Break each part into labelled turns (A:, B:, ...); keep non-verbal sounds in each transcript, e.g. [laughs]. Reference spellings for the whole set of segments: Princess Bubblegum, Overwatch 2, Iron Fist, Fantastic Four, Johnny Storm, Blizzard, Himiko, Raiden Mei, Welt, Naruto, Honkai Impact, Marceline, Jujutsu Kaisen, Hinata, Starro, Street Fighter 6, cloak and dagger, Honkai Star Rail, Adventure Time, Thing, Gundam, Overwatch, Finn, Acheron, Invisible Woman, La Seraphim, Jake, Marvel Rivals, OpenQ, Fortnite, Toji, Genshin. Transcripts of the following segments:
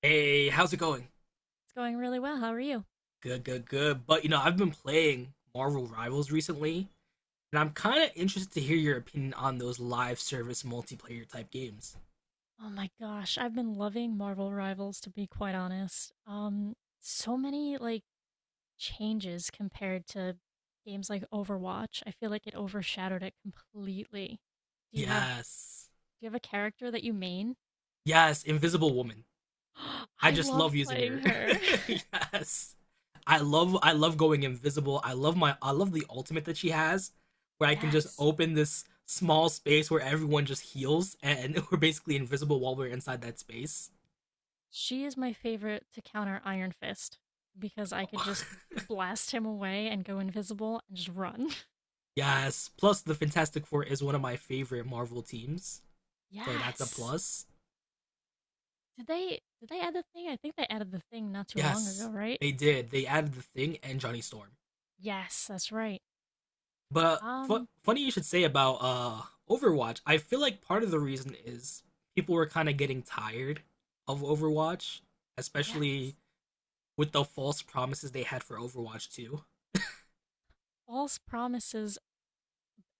A: Hey, how's it going?
B: It's going really well. How are you?
A: Good, good, good. But you know, I've been playing Marvel Rivals recently, and I'm kind of interested to hear your opinion on those live service multiplayer type games.
B: Oh my gosh, I've been loving Marvel Rivals to be quite honest. So many changes compared to games like Overwatch. I feel like it overshadowed it completely. Do
A: Yes.
B: you have a character that you main?
A: Yes, Invisible Woman.
B: [gasps]
A: I
B: I
A: just
B: love
A: love using
B: playing
A: her.
B: her.
A: [laughs] Yes. I love going invisible. I love the ultimate that she has
B: [laughs]
A: where I can just
B: Yes.
A: open this small space where everyone just heals and [laughs] we're basically invisible while we're inside that space.
B: She is my favorite to counter Iron Fist because I could just
A: [laughs]
B: blast him away and go invisible and just run. [laughs]
A: Yes. Plus, the Fantastic Four is one of my favorite Marvel teams, so that's a
B: Yes.
A: plus.
B: Did they add the thing? I think they added the thing not too long ago,
A: Yes,
B: right?
A: they did. They added the Thing and Johnny Storm.
B: Yes, that's right.
A: But fu-
B: Um,
A: funny you should say about Overwatch. I feel like part of the reason is people were kind of getting tired of Overwatch,
B: yes.
A: especially with the false promises they had for Overwatch 2.
B: False promises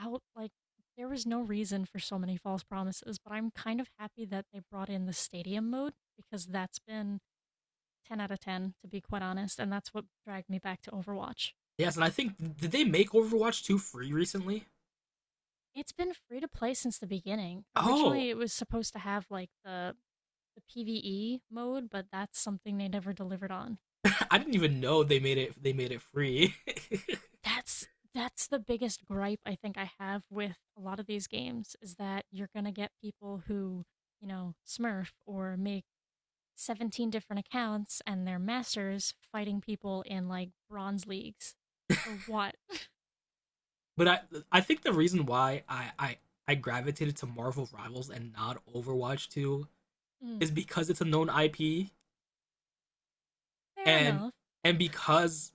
B: out there was no reason for so many false promises, but I'm kind of happy that they brought in the stadium mode because that's been 10 out of 10 to be quite honest, and that's what dragged me back to Overwatch.
A: Yes, and I think did they make Overwatch 2 free recently?
B: It's been free to play since the beginning.
A: Oh,
B: Originally, it was supposed to have like the PvE mode, but that's something they never delivered on.
A: [laughs] I didn't even know they made it free. [laughs]
B: That's that's the biggest gripe I think I have with a lot of these games is that you're going to get people who, smurf or make 17 different accounts and they're masters fighting people in like bronze leagues. For what?
A: But I think the reason why I gravitated to Marvel Rivals and not Overwatch 2
B: Mm,
A: is because it's a known IP
B: fair
A: and
B: enough.
A: and because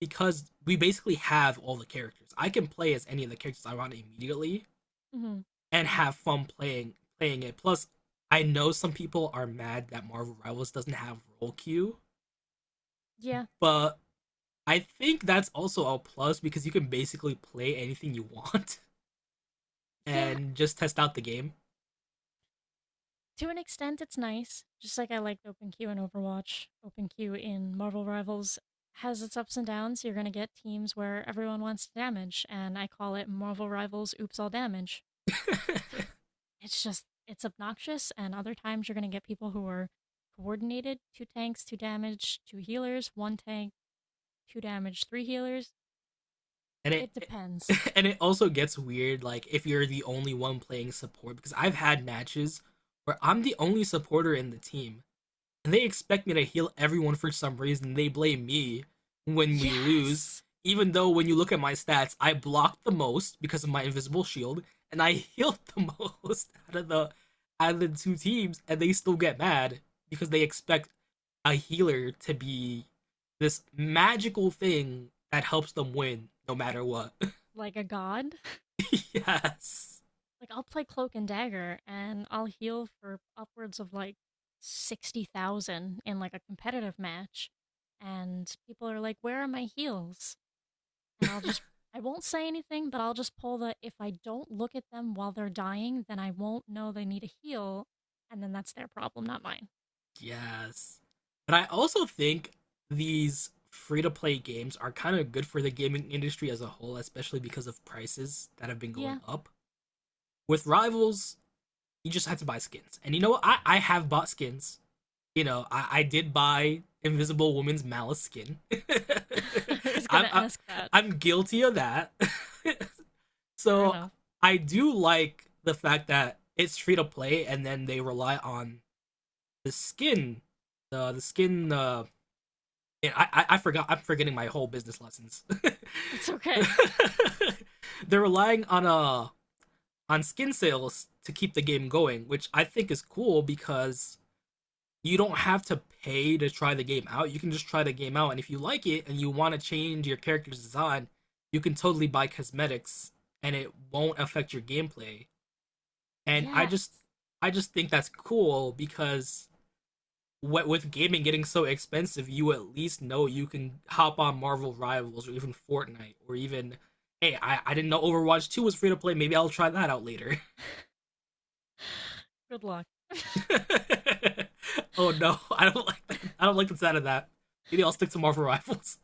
A: because we basically have all the characters. I can play as any of the characters I want immediately
B: hmm
A: and have fun playing it. Plus, I know some people are mad that Marvel Rivals doesn't have roll queue,
B: Yeah.
A: but I think that's also a plus because you can basically play anything you [laughs] want
B: Yeah.
A: and just test out the game.
B: To an extent, it's nice. Just like I liked OpenQ in Overwatch, OpenQ in Marvel Rivals has its ups and downs. You're going to get teams where everyone wants to damage, and I call it Marvel Rivals Oops All Damage.
A: [laughs]
B: It's just it's obnoxious, and other times you're gonna get people who are coordinated, two tanks, two damage, two healers, one tank, two damage, three healers.
A: and it
B: It
A: it
B: depends.
A: [laughs] And it also gets weird like if you're the only one playing support because I've had matches where I'm the only supporter in the team, and they expect me to heal everyone for some reason. They blame me when we lose,
B: Yes!
A: even though when you look at my stats, I blocked the most because of my invisible shield, and I [laughs] healed the most out of the two teams, and they still get mad because they expect a healer to be this magical thing that helps them win no matter what.
B: Like a god.
A: [laughs] Yes.
B: Like I'll play cloak and dagger and I'll heal for upwards of like 60,000 in like a competitive match. And people are like, "Where are my heals?" And I won't say anything, but I'll just pull the if I don't look at them while they're dying, then I won't know they need a heal, and then that's their problem, not mine.
A: Yes. But I also think these free to play games are kind of good for the gaming industry as a whole, especially because of prices that have been going
B: Yeah.
A: up. With Rivals, you just have to buy skins. And you know what? I have bought skins. I did buy Invisible Woman's Malice skin. [laughs]
B: [laughs] I was
A: I'm,
B: gonna
A: I,
B: ask that.
A: I'm guilty of that. [laughs]
B: Fair
A: So
B: enough.
A: I do like the fact that it's free to play and then they rely on the skin, the skin, man, I forgot. I'm forgetting my whole business lessons. [laughs]
B: It's okay.
A: They're relying on skin sales to keep the game going, which I think is cool because you don't have to pay to try the game out. You can just try the game out, and if you like it and you want to change your character's design, you can totally buy cosmetics, and it won't affect your gameplay. And
B: Yeah.
A: I just think that's cool because with gaming getting so expensive, you at least know you can hop on Marvel Rivals or even Fortnite or even hey, I didn't know Overwatch 2 was free to play, maybe I'll try that out later.
B: [sighs] [laughs] Good luck.
A: [laughs] Oh no, I don't like that. I don't like the sound of that. Maybe I'll stick to
B: [laughs]
A: Marvel Rivals.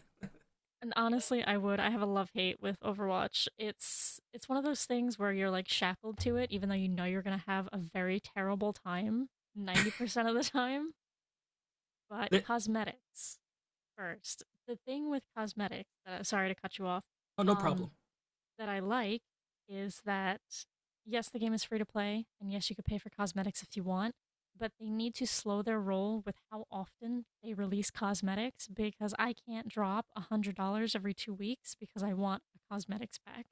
B: And honestly, I would. I have a love hate with Overwatch. It's one of those things where you're like shackled to it, even though you know you're gonna have a very terrible time 90% of the time. But
A: [laughs] Oh,
B: cosmetics first. The thing with cosmetics, sorry to cut you off,
A: no
B: um,
A: problem.
B: that I like is that yes, the game is free to play, and yes, you could pay for cosmetics if you want, but they need to slow their roll with how often they release cosmetics because I can't drop $100 every two weeks because I want a cosmetics pack.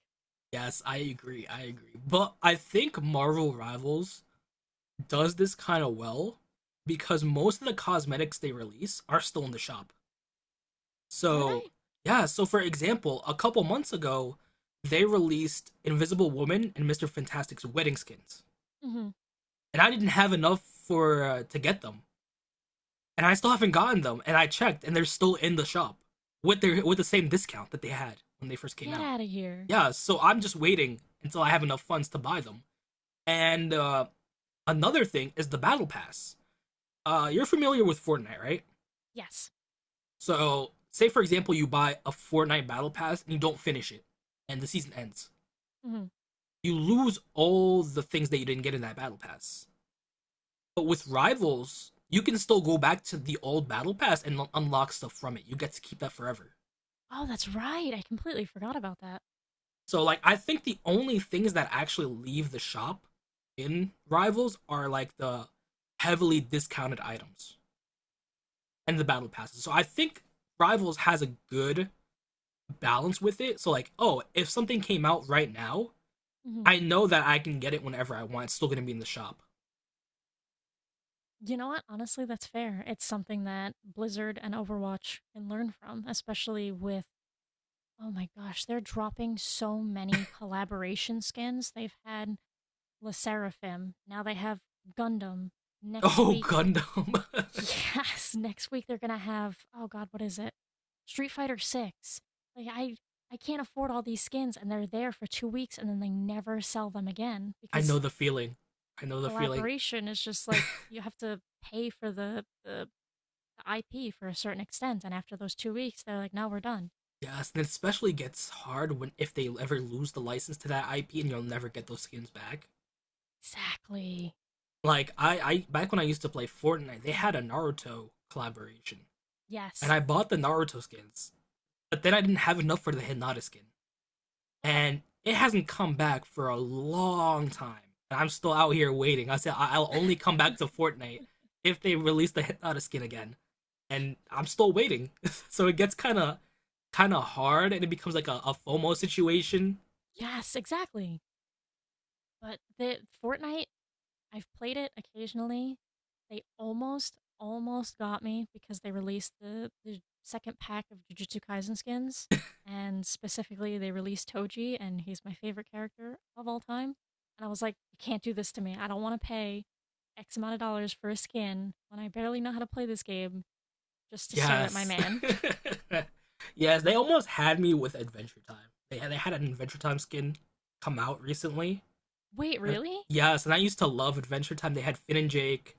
A: Yes, I agree, I agree. But I think Marvel Rivals does this kind of well because most of the cosmetics they release are still in the shop.
B: Are
A: So,
B: they?
A: yeah, so for example, a couple months ago, they released Invisible Woman and Mr. Fantastic's wedding skins.
B: Mm-hmm.
A: And I didn't have enough for to get them. And I still haven't gotten them, and I checked and they're still in the shop with the same discount that they had when they first came
B: Get
A: out.
B: out of here.
A: Yeah, so I'm just waiting until I have enough funds to buy them. And another thing is the battle pass. You're familiar with Fortnite, right?
B: Yes.
A: So, say for example, you buy a Fortnite battle pass and you don't finish it, and the season ends.
B: Mm-hmm.
A: You lose all the things that you didn't get in that battle pass. But with rivals, you can still go back to the old battle pass and unlock stuff from it. You get to keep that forever.
B: Oh, that's right. I completely forgot about that.
A: So like I think the only things that actually leave the shop in rivals are like the heavily discounted items and the battle passes. So I think rivals has a good balance with it. So like, oh, if something came out right now,
B: Mm-hmm.
A: I know that I can get it whenever I want. It's still gonna be in the shop.
B: You know what? Honestly, that's fair. It's something that Blizzard and Overwatch can learn from, especially with, oh my gosh, they're dropping so many collaboration skins. They've had La Seraphim, now they have Gundam. Next
A: Oh,
B: week,
A: Gundam. [laughs]
B: [laughs] yes, next week they're gonna have, oh god, what is it? Street Fighter 6. Like I can't afford all these skins and they're there for 2 weeks and then they never sell them again
A: I know
B: because
A: the feeling. I know the feeling.
B: collaboration is just like you have to pay for the IP for a certain extent, and after those two weeks, they're like, "No, we're done."
A: Yes, and it especially gets hard when if they ever lose the license to that IP and you'll never get those skins back.
B: Exactly.
A: Like
B: What?
A: I back when I used to play Fortnite, they had a Naruto collaboration, and
B: Yes.
A: I bought the Naruto skins, but then I didn't have enough for the Hinata skin. And it hasn't come back for a long time. And I'm still out here waiting. I said I- will only come back to
B: [laughs]
A: Fortnite if they release the Hinata skin again, and I'm still waiting. [laughs] So it gets kind of hard, and it becomes like a FOMO situation.
B: Yes, exactly. But the Fortnite, I've played it occasionally. They almost got me because they released the second pack of Jujutsu Kaisen skins, and specifically, they released Toji, and he's my favorite character of all time. And I was like, "You can't do this to me. I don't want to pay." X amount of dollars for a skin when I barely know how to play this game just to stare at my
A: Yes,
B: man.
A: [laughs] yes, they almost had me with Adventure Time. They had an Adventure Time skin come out recently,
B: [laughs] Wait,
A: and
B: really?
A: yes, and I used to love Adventure Time. They had Finn and Jake,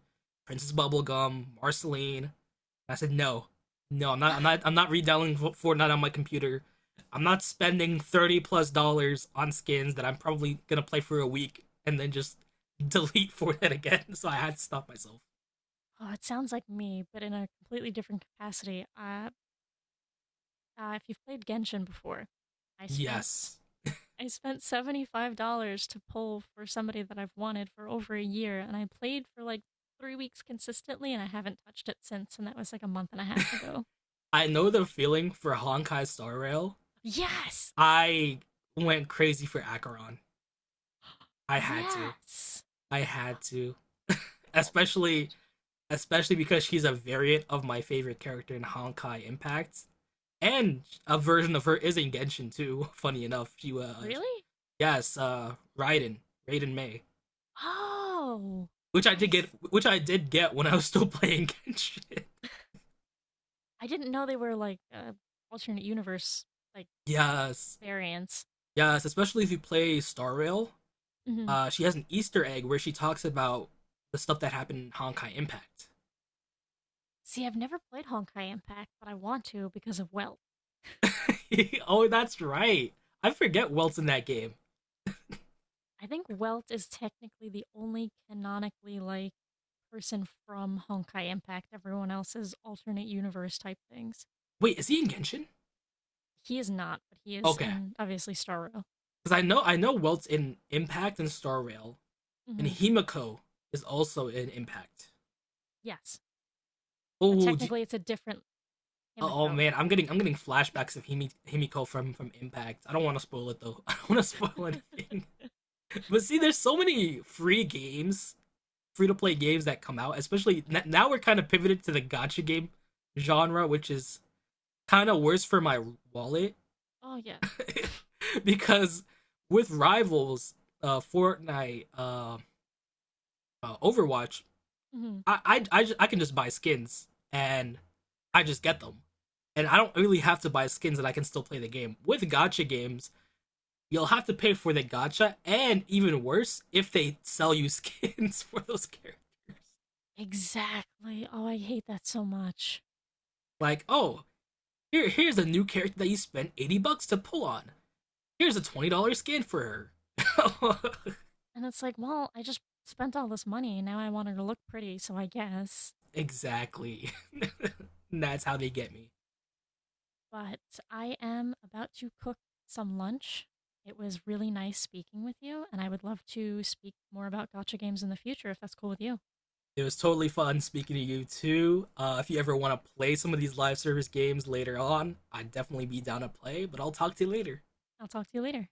A: Princess Bubblegum, Marceline. I said, no, no,
B: [laughs]
A: I'm not redownloading Fortnite on my computer. I'm not spending 30 plus dollars on skins that I'm probably gonna play for a week and then just [laughs] delete Fortnite again. [laughs] So I had to stop myself.
B: Oh, it sounds like me, but in a completely different capacity. If you've played Genshin before, I spent
A: Yes,
B: I spent $75 to pull for somebody that I've wanted for over a year, and I played for like three weeks consistently, and I haven't touched it since, and that was like a month and a half ago.
A: I know the feeling for Honkai Star Rail.
B: Yes,
A: I went crazy for Acheron. I had to.
B: yes.
A: I had to. [laughs]
B: [gasps] Oh my
A: Especially
B: god,
A: because she's a variant of my favorite character in Honkai Impact. And a version of her is in Genshin too. [laughs] Funny enough, she was
B: really?
A: yes, Raiden Mei,
B: Oh, I I s-
A: which I did get when I was [laughs] still playing Genshin.
B: I didn't know they were like alternate universe like
A: [laughs] Yes,
B: variants.
A: yes, especially if you play Star Rail.
B: Mhm.
A: She has an Easter egg where she talks about the stuff that happened in Honkai Impact.
B: See, I've never played Honkai Impact, but I want to because of Welt.
A: [laughs] Oh, that's right. I forget Welt's in that game.
B: I think Welt is technically the only canonically like person from Honkai Impact. Everyone else is alternate universe type things.
A: Wait, is he in Genshin?
B: He is not, but he is
A: Okay,
B: in obviously Starro.
A: because I know Welt's in Impact and Star Rail, and
B: Hmm.
A: Himiko is also in Impact.
B: Yes, but
A: Oh, do,
B: technically it's a different
A: oh
B: Himiko.
A: man, I'm getting flashbacks of Himiko from Impact. I don't want to spoil it though. [laughs] I don't want to spoil
B: [laughs]
A: anything. [laughs] But see, there's so many free to play games that come out. Especially now, we're kind of pivoted to the gotcha game genre, which is kind of worse for my wallet
B: Oh yes.
A: [laughs] because with rivals, uh, Fortnite, uh, Overwatch,
B: Hmm.
A: I can just buy skins and I just get them, and I don't really have to buy skins, and I can still play the game. With Gacha games, you'll have to pay for the gacha, and even worse, if they sell you skins [laughs] for those characters.
B: Exactly. Oh, I hate that so much.
A: Like, oh, here's a new character that you spent $80 to pull on. Here's a $20 skin for her.
B: And it's like, well, I just spent all this money and now I want her to look pretty, so I guess.
A: [laughs] Exactly. [laughs] That's how they get me.
B: But I am about to cook some lunch. It was really nice speaking with you, and I would love to speak more about Gacha games in the future if that's cool with you.
A: It was totally fun speaking to you too. If you ever want to play some of these live service games later on, I'd definitely be down to play, but I'll talk to you later.
B: I'll talk to you later.